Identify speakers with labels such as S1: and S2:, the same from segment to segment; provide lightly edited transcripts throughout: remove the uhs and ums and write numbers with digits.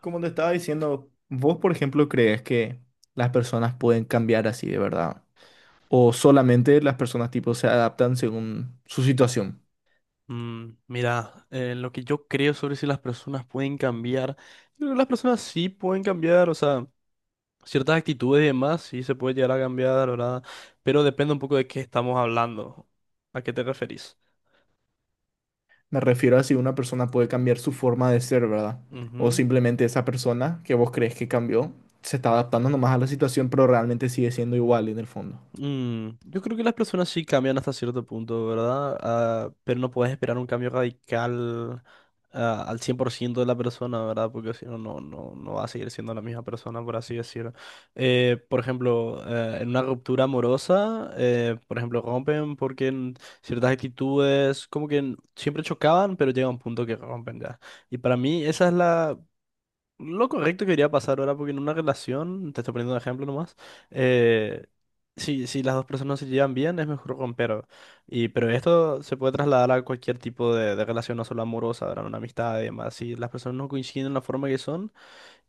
S1: Como te estaba diciendo, ¿vos, por ejemplo, crees que las personas pueden cambiar así de verdad? ¿O solamente las personas tipo se adaptan según su situación?
S2: Mira, lo que yo creo sobre si las personas pueden cambiar, yo creo que las personas sí pueden cambiar, o sea, ciertas actitudes y demás sí se puede llegar a cambiar, ¿verdad? Pero depende un poco de qué estamos hablando, a qué te referís.
S1: Me refiero a si una persona puede cambiar su forma de ser, ¿verdad? O
S2: Ujú.
S1: simplemente esa persona que vos crees que cambió se está adaptando nomás a la situación, pero realmente sigue siendo igual en el fondo.
S2: Yo creo que las personas sí cambian hasta cierto punto, ¿verdad? Ah, pero no puedes esperar un cambio radical al 100% de la persona, ¿verdad? Porque si no, no va a seguir siendo la misma persona, por así decirlo. Por ejemplo, en una ruptura amorosa, por ejemplo, rompen porque en ciertas actitudes como que siempre chocaban, pero llega un punto que rompen ya. Y para mí esa es la lo correcto que iría a pasar ahora, porque en una relación, te estoy poniendo un ejemplo nomás, eh, si las dos personas se llevan bien, es mejor romper. Pero esto se puede trasladar a cualquier tipo de relación, no solo amorosa, ¿verdad? Una amistad y demás. Si las personas no coinciden en la forma que son,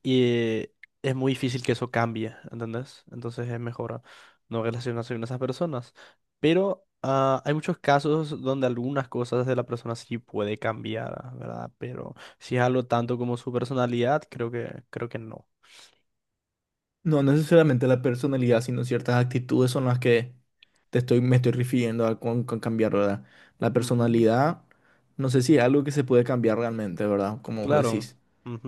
S2: y es muy difícil que eso cambie, ¿entendés? Entonces es mejor no relacionarse con esas personas. Pero hay muchos casos donde algunas cosas de la persona sí puede cambiar, ¿verdad? Pero si es algo tanto como su personalidad, creo que no.
S1: No, no necesariamente la personalidad, sino ciertas actitudes son las que me estoy refiriendo a con cambiar, ¿verdad? La
S2: Ujú.
S1: personalidad, no sé si es algo que se puede cambiar realmente, ¿verdad? Como vos
S2: Claro.
S1: decís.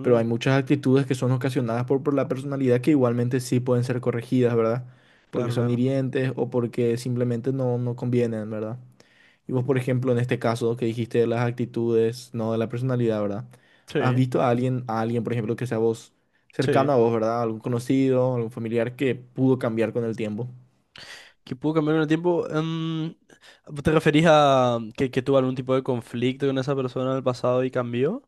S1: Pero hay muchas actitudes que son ocasionadas por la personalidad que igualmente sí pueden ser corregidas, ¿verdad? Porque
S2: Claro,
S1: son
S2: claro.
S1: hirientes o porque simplemente no, no convienen, ¿verdad? Y vos, por ejemplo, en este caso que dijiste de las actitudes, no de la personalidad, ¿verdad?
S2: Sí,
S1: ¿Has visto a alguien, por ejemplo, que sea vos
S2: sí.
S1: cercano a vos, ¿verdad? Algún conocido, algún familiar que pudo cambiar con el tiempo.
S2: Que pudo cambiar en el tiempo. ¿Te referís a que tuvo algún tipo de conflicto con esa persona en el pasado y cambió?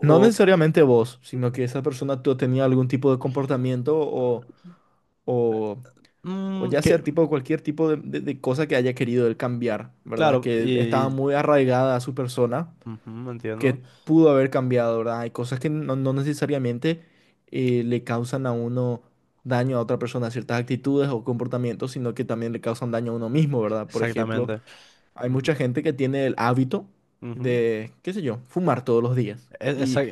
S1: No necesariamente vos, sino que esa persona tú tenía algún tipo de comportamiento o, o
S2: Mm,
S1: ya
S2: que,
S1: sea tipo cualquier tipo de, de cosa que haya querido él cambiar, ¿verdad?
S2: claro.
S1: Que estaba muy arraigada a su persona
S2: Ujú,
S1: que
S2: entiendo.
S1: pudo haber cambiado, ¿verdad? Hay cosas que no, no necesariamente le causan a uno daño a otra persona, ciertas actitudes o comportamientos, sino que también le causan daño a uno mismo, ¿verdad? Por ejemplo,
S2: Exactamente.
S1: hay mucha
S2: Ujú,
S1: gente que tiene el hábito
S2: ujú.
S1: de, qué sé yo, fumar todos los días.
S2: E-
S1: Y
S2: esa-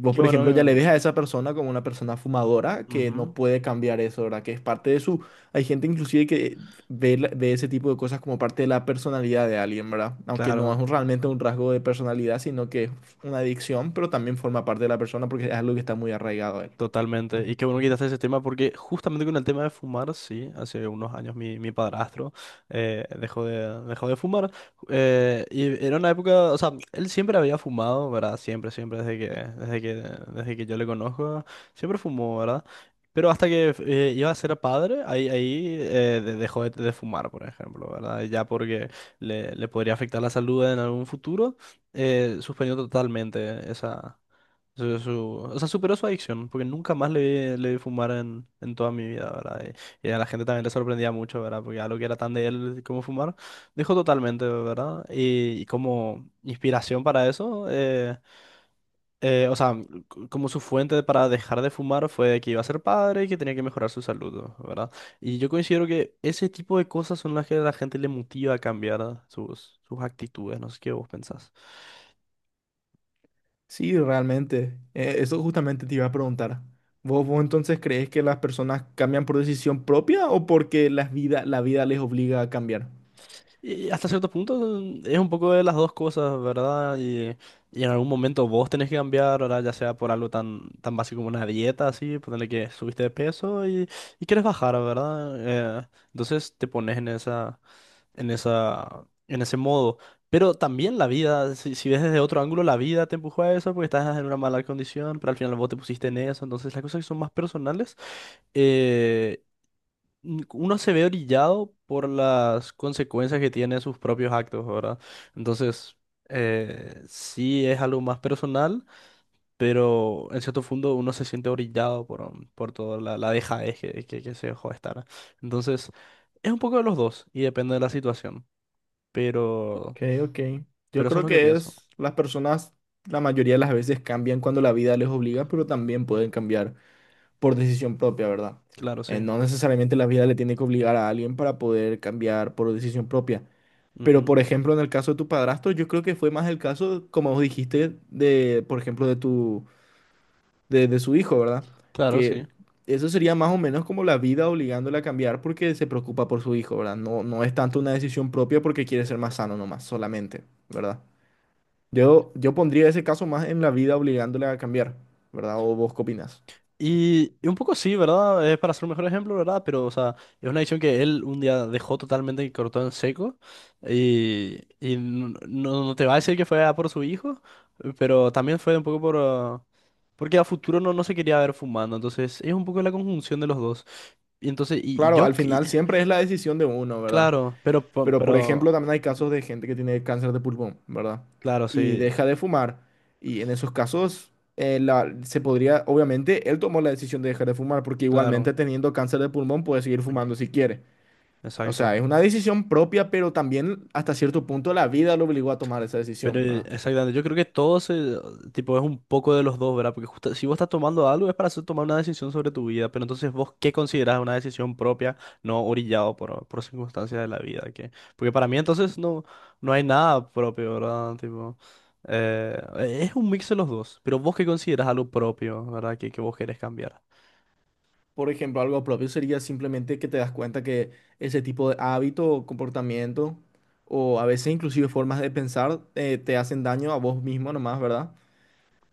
S1: vos,
S2: Qué
S1: por
S2: bueno
S1: ejemplo, ya le
S2: que.
S1: ves a esa persona como una persona fumadora que
S2: Ujú,
S1: no puede cambiar eso, ¿verdad? Que es parte de su... Hay gente inclusive que ve ese tipo de cosas como parte de la personalidad de alguien, ¿verdad? Aunque no es
S2: claro.
S1: un- realmente un rasgo de personalidad, sino que es una adicción, pero también forma parte de la persona porque es algo que está muy arraigado a él.
S2: Totalmente. Y qué bueno que quitaste ese tema porque justamente con el tema de fumar, sí, hace unos años mi padrastro dejó de fumar. Y era una época, o sea, él siempre había fumado, ¿verdad? Siempre, siempre, desde que yo le conozco, siempre fumó, ¿verdad? Pero hasta que iba a ser padre, ahí dejó de fumar, por ejemplo, ¿verdad? Ya porque le podría afectar la salud en algún futuro, suspendió totalmente esa. O sea, superó su adicción, porque nunca más le vi fumar en toda mi vida, ¿verdad? Y a la gente también le sorprendía mucho, ¿verdad? Porque algo que era tan de él como fumar, dejó totalmente, ¿verdad? Y como inspiración para eso, o sea, como su fuente para dejar de fumar fue que iba a ser padre y que tenía que mejorar su salud, ¿verdad? Y yo considero que ese tipo de cosas son las que a la gente le motiva a cambiar sus actitudes, no sé qué vos pensás.
S1: Sí, realmente. Eso justamente te iba a preguntar. ¿Vos entonces crees que las personas cambian por decisión propia o porque la vida les obliga a cambiar?
S2: Y hasta cierto punto es un poco de las dos cosas, ¿verdad? Y en algún momento vos tenés que cambiar, ¿verdad? Ya sea por algo tan, tan básico como una dieta, así, ponerle que subiste de peso y quieres bajar, ¿verdad? Entonces te pones en en ese modo. Pero también la vida, si ves desde otro ángulo, la vida te empujó a eso porque estás en una mala condición, pero al final vos te pusiste en eso. Entonces las cosas que son más personales. eh, Uno se ve orillado por las consecuencias que tiene sus propios actos, ¿verdad? Entonces, sí es algo más personal, pero en cierto fondo uno se siente orillado por toda la dejadez que se dejó de estar. Entonces, es un poco de los dos y depende de la situación, pero,
S1: Ok, ok. Yo
S2: pero eso es
S1: creo
S2: lo que
S1: que
S2: pienso.
S1: es, las personas la mayoría de las veces cambian cuando la vida les obliga, pero también pueden cambiar por decisión propia, ¿verdad?
S2: Claro, sí.
S1: No necesariamente la vida le tiene que obligar a alguien para poder cambiar por decisión propia. Pero, por
S2: Ujú.
S1: ejemplo, en el caso de tu padrastro, yo creo que fue más el caso, como vos dijiste, de, por ejemplo, de su hijo, ¿verdad?
S2: Claro, sí.
S1: Que eso sería más o menos como la vida obligándole a cambiar porque se preocupa por su hijo, ¿verdad? No, no es tanto una decisión propia porque quiere ser más sano nomás, solamente, ¿verdad? Yo pondría ese caso más en la vida obligándole a cambiar, ¿verdad? ¿O vos qué opinás?
S2: Y un poco sí, ¿verdad? Es para ser un mejor ejemplo, ¿verdad? Pero, o sea, es una decisión que él un día dejó totalmente y cortó en seco. Y no te va a decir que fue a por su hijo, pero también fue un poco por, porque a futuro no se quería ver fumando. Entonces, es un poco la conjunción de los dos. Y entonces, y
S1: Claro,
S2: yo,
S1: al
S2: que-.
S1: final siempre es la decisión de uno, ¿verdad?
S2: Claro. Pero,
S1: Pero por
S2: pero.
S1: ejemplo, también hay
S2: Ujú.
S1: casos de gente que tiene cáncer de pulmón, ¿verdad?
S2: Claro,
S1: Y
S2: sí.
S1: deja de fumar. Y en esos casos, se podría, obviamente, él tomó la decisión de dejar de fumar, porque igualmente
S2: Claro.
S1: teniendo cáncer de pulmón puede seguir
S2: Ujú.
S1: fumando si quiere. O sea,
S2: Exacto.
S1: es una decisión propia, pero también hasta cierto punto la vida lo obligó a tomar esa
S2: Pero
S1: decisión, ¿verdad?
S2: exactamente, yo creo que todo tipo, es un poco de los dos, ¿verdad? Porque si vos estás tomando algo es para tomar una decisión sobre tu vida, pero entonces vos qué considerás una decisión propia, no orillado por circunstancias de la vida, ¿qué? Porque para mí entonces no hay nada propio, ¿verdad? Tipo, eh, es un mix de los dos, pero vos qué considerás algo propio, ¿verdad? Que vos querés cambiar.
S1: Por ejemplo, algo propio sería simplemente que te das cuenta que ese tipo de hábito comportamiento, o a veces inclusive formas de pensar, te hacen daño a vos mismo nomás, ¿verdad?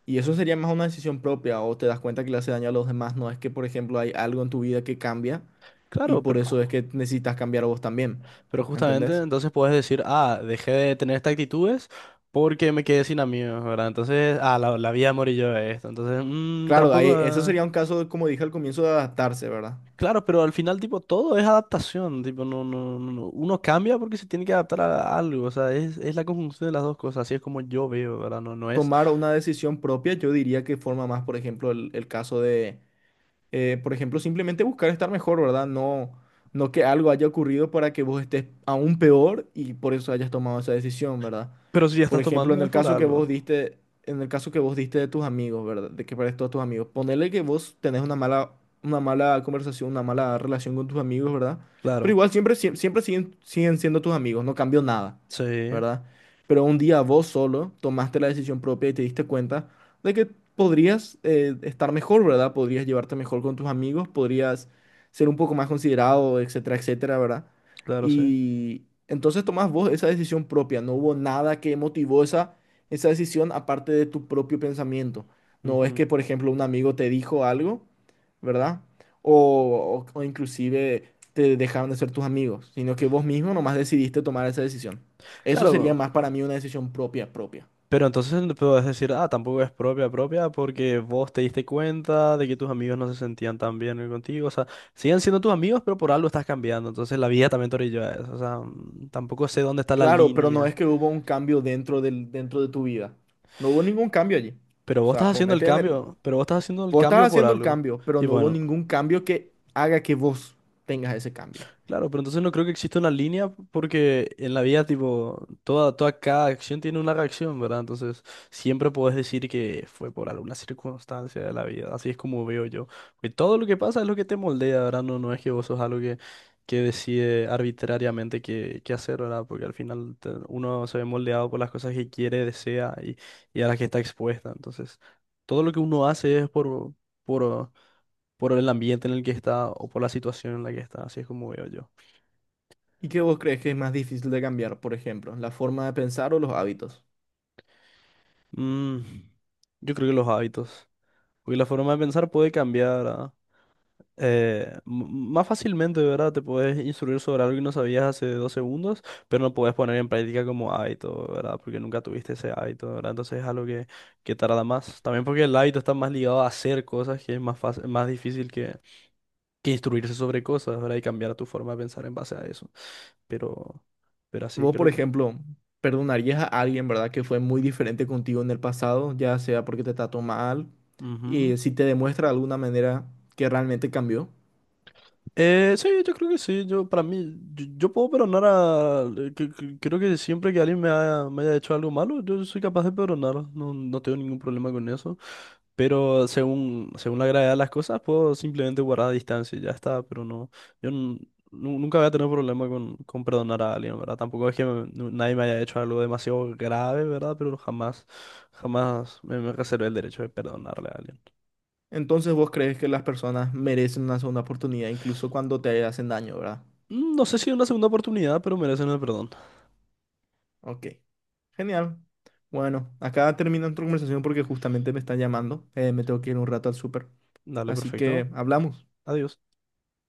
S1: Y eso sería más una decisión propia, o te das cuenta que le hace daño a los demás, no es que, por ejemplo, hay algo en tu vida que cambia y
S2: Claro,
S1: por
S2: pero.
S1: eso es que necesitas cambiar vos también,
S2: Pero justamente
S1: ¿entendés?
S2: entonces puedes decir, ah, dejé de tener estas actitudes porque me quedé sin amigos, ¿verdad? Entonces, la vida morí yo de esto. Entonces,
S1: Claro,
S2: tampoco.
S1: eso
S2: Ah.
S1: sería un caso, como dije al comienzo, de adaptarse, ¿verdad?
S2: Claro, pero al final, tipo, todo es adaptación. Tipo, no, no, no, no. Uno cambia porque se tiene que adaptar a algo. O sea, es la conjunción de las dos cosas. Así es como yo veo, ¿verdad? No, no es.
S1: Tomar una decisión propia, yo diría que forma más, por ejemplo, el caso de por ejemplo, simplemente buscar estar mejor, ¿verdad? No, no que algo haya ocurrido para que vos estés aún peor y por eso hayas tomado esa decisión, ¿verdad?
S2: Pero si ya
S1: Por
S2: estás
S1: ejemplo,
S2: tomando es por algo.
S1: en el caso que vos diste de tus amigos, ¿verdad? De que pares todos tus amigos. Ponele que vos tenés una mala conversación, una mala relación con tus amigos, ¿verdad? Pero
S2: Claro.
S1: igual siempre siguen siendo tus amigos, no cambió nada,
S2: Sí,
S1: ¿verdad? Pero un día vos solo tomaste la decisión propia y te diste cuenta de que podrías estar mejor, ¿verdad? Podrías llevarte mejor con tus amigos, podrías ser un poco más considerado, etcétera, etcétera, ¿verdad?
S2: claro, sí.
S1: Y entonces tomás vos esa decisión propia. No hubo nada que motivó esa decisión aparte de tu propio pensamiento. No es
S2: Ujú.
S1: que, por ejemplo, un amigo te dijo algo, ¿verdad? O, o inclusive te dejaron de ser tus amigos, sino que vos mismo nomás decidiste tomar esa decisión. Eso sería
S2: Claro.
S1: más para mí una decisión propia, propia.
S2: Pero entonces no puedes decir, ah, tampoco es propia propia porque vos te diste cuenta de que tus amigos no se sentían tan bien contigo. O sea, siguen siendo tus amigos, pero por algo estás cambiando. Entonces la vida también te orilló a eso. O sea, tampoco sé dónde está la
S1: Claro, pero no
S2: línea.
S1: es que hubo un cambio dentro de tu vida. No hubo ningún cambio allí.
S2: Pero
S1: O
S2: vos estás
S1: sea,
S2: haciendo el cambio, pero vos estás haciendo el
S1: vos estás
S2: cambio por
S1: haciendo el
S2: algo.
S1: cambio, pero
S2: Y
S1: no hubo
S2: bueno.
S1: ningún cambio que haga que vos tengas ese cambio.
S2: Claro, pero entonces no creo que exista una línea porque en la vida, tipo, toda cada acción tiene una reacción, ¿verdad? Entonces, siempre puedes decir que fue por alguna circunstancia de la vida. Así es como veo yo. Que todo lo que pasa es lo que te moldea, ¿verdad? No, no es que vos sos algo que decide arbitrariamente qué hacer, ¿verdad? Porque al final uno se ve moldeado por las cosas que quiere, desea y a las que está expuesta. Entonces, todo lo que uno hace es por, por el ambiente en el que está o por la situación en la que está. Así es como veo yo.
S1: ¿Y qué vos crees que es más difícil de cambiar, por ejemplo, la forma de pensar o los hábitos?
S2: Mm, yo creo que los hábitos. Porque la forma de pensar puede cambiar más fácilmente, ¿verdad? Te puedes instruir sobre algo que no sabías hace 2 segundos, pero no puedes poner en práctica como hábito, ¿verdad? Porque nunca tuviste ese hábito, ¿verdad? Entonces es algo que tarda más. También porque el hábito está más ligado a hacer cosas, que es más fácil, más difícil que instruirse sobre cosas, ¿verdad? Y cambiar tu forma de pensar en base a eso. Pero, pero así
S1: Vos, por
S2: creo que.
S1: ejemplo, perdonarías a alguien, ¿verdad?, que fue muy diferente contigo en el pasado, ya sea porque te trató mal
S2: Ujú.
S1: y si te demuestra de alguna manera que realmente cambió.
S2: Sí, yo creo que sí. Yo, para mí, yo puedo perdonar a. Creo que siempre que alguien me haya hecho algo malo, yo soy capaz de perdonar. No, no tengo ningún problema con eso. Pero según la gravedad de las cosas, puedo simplemente guardar distancia y ya está. Pero no, yo nunca voy a tener problema con perdonar a alguien, ¿verdad? Tampoco es que nadie me haya hecho algo demasiado grave, ¿verdad? Pero jamás, jamás me reservé el derecho de perdonarle a alguien.
S1: Entonces vos crees que las personas merecen una segunda oportunidad incluso cuando te hacen daño, ¿verdad?
S2: No sé si una segunda oportunidad, pero merecen el perdón.
S1: Ok, genial. Bueno, acá termina nuestra conversación porque justamente me están llamando. Me tengo que ir un rato al súper.
S2: Dale,
S1: Así
S2: perfecto.
S1: que hablamos.
S2: Adiós.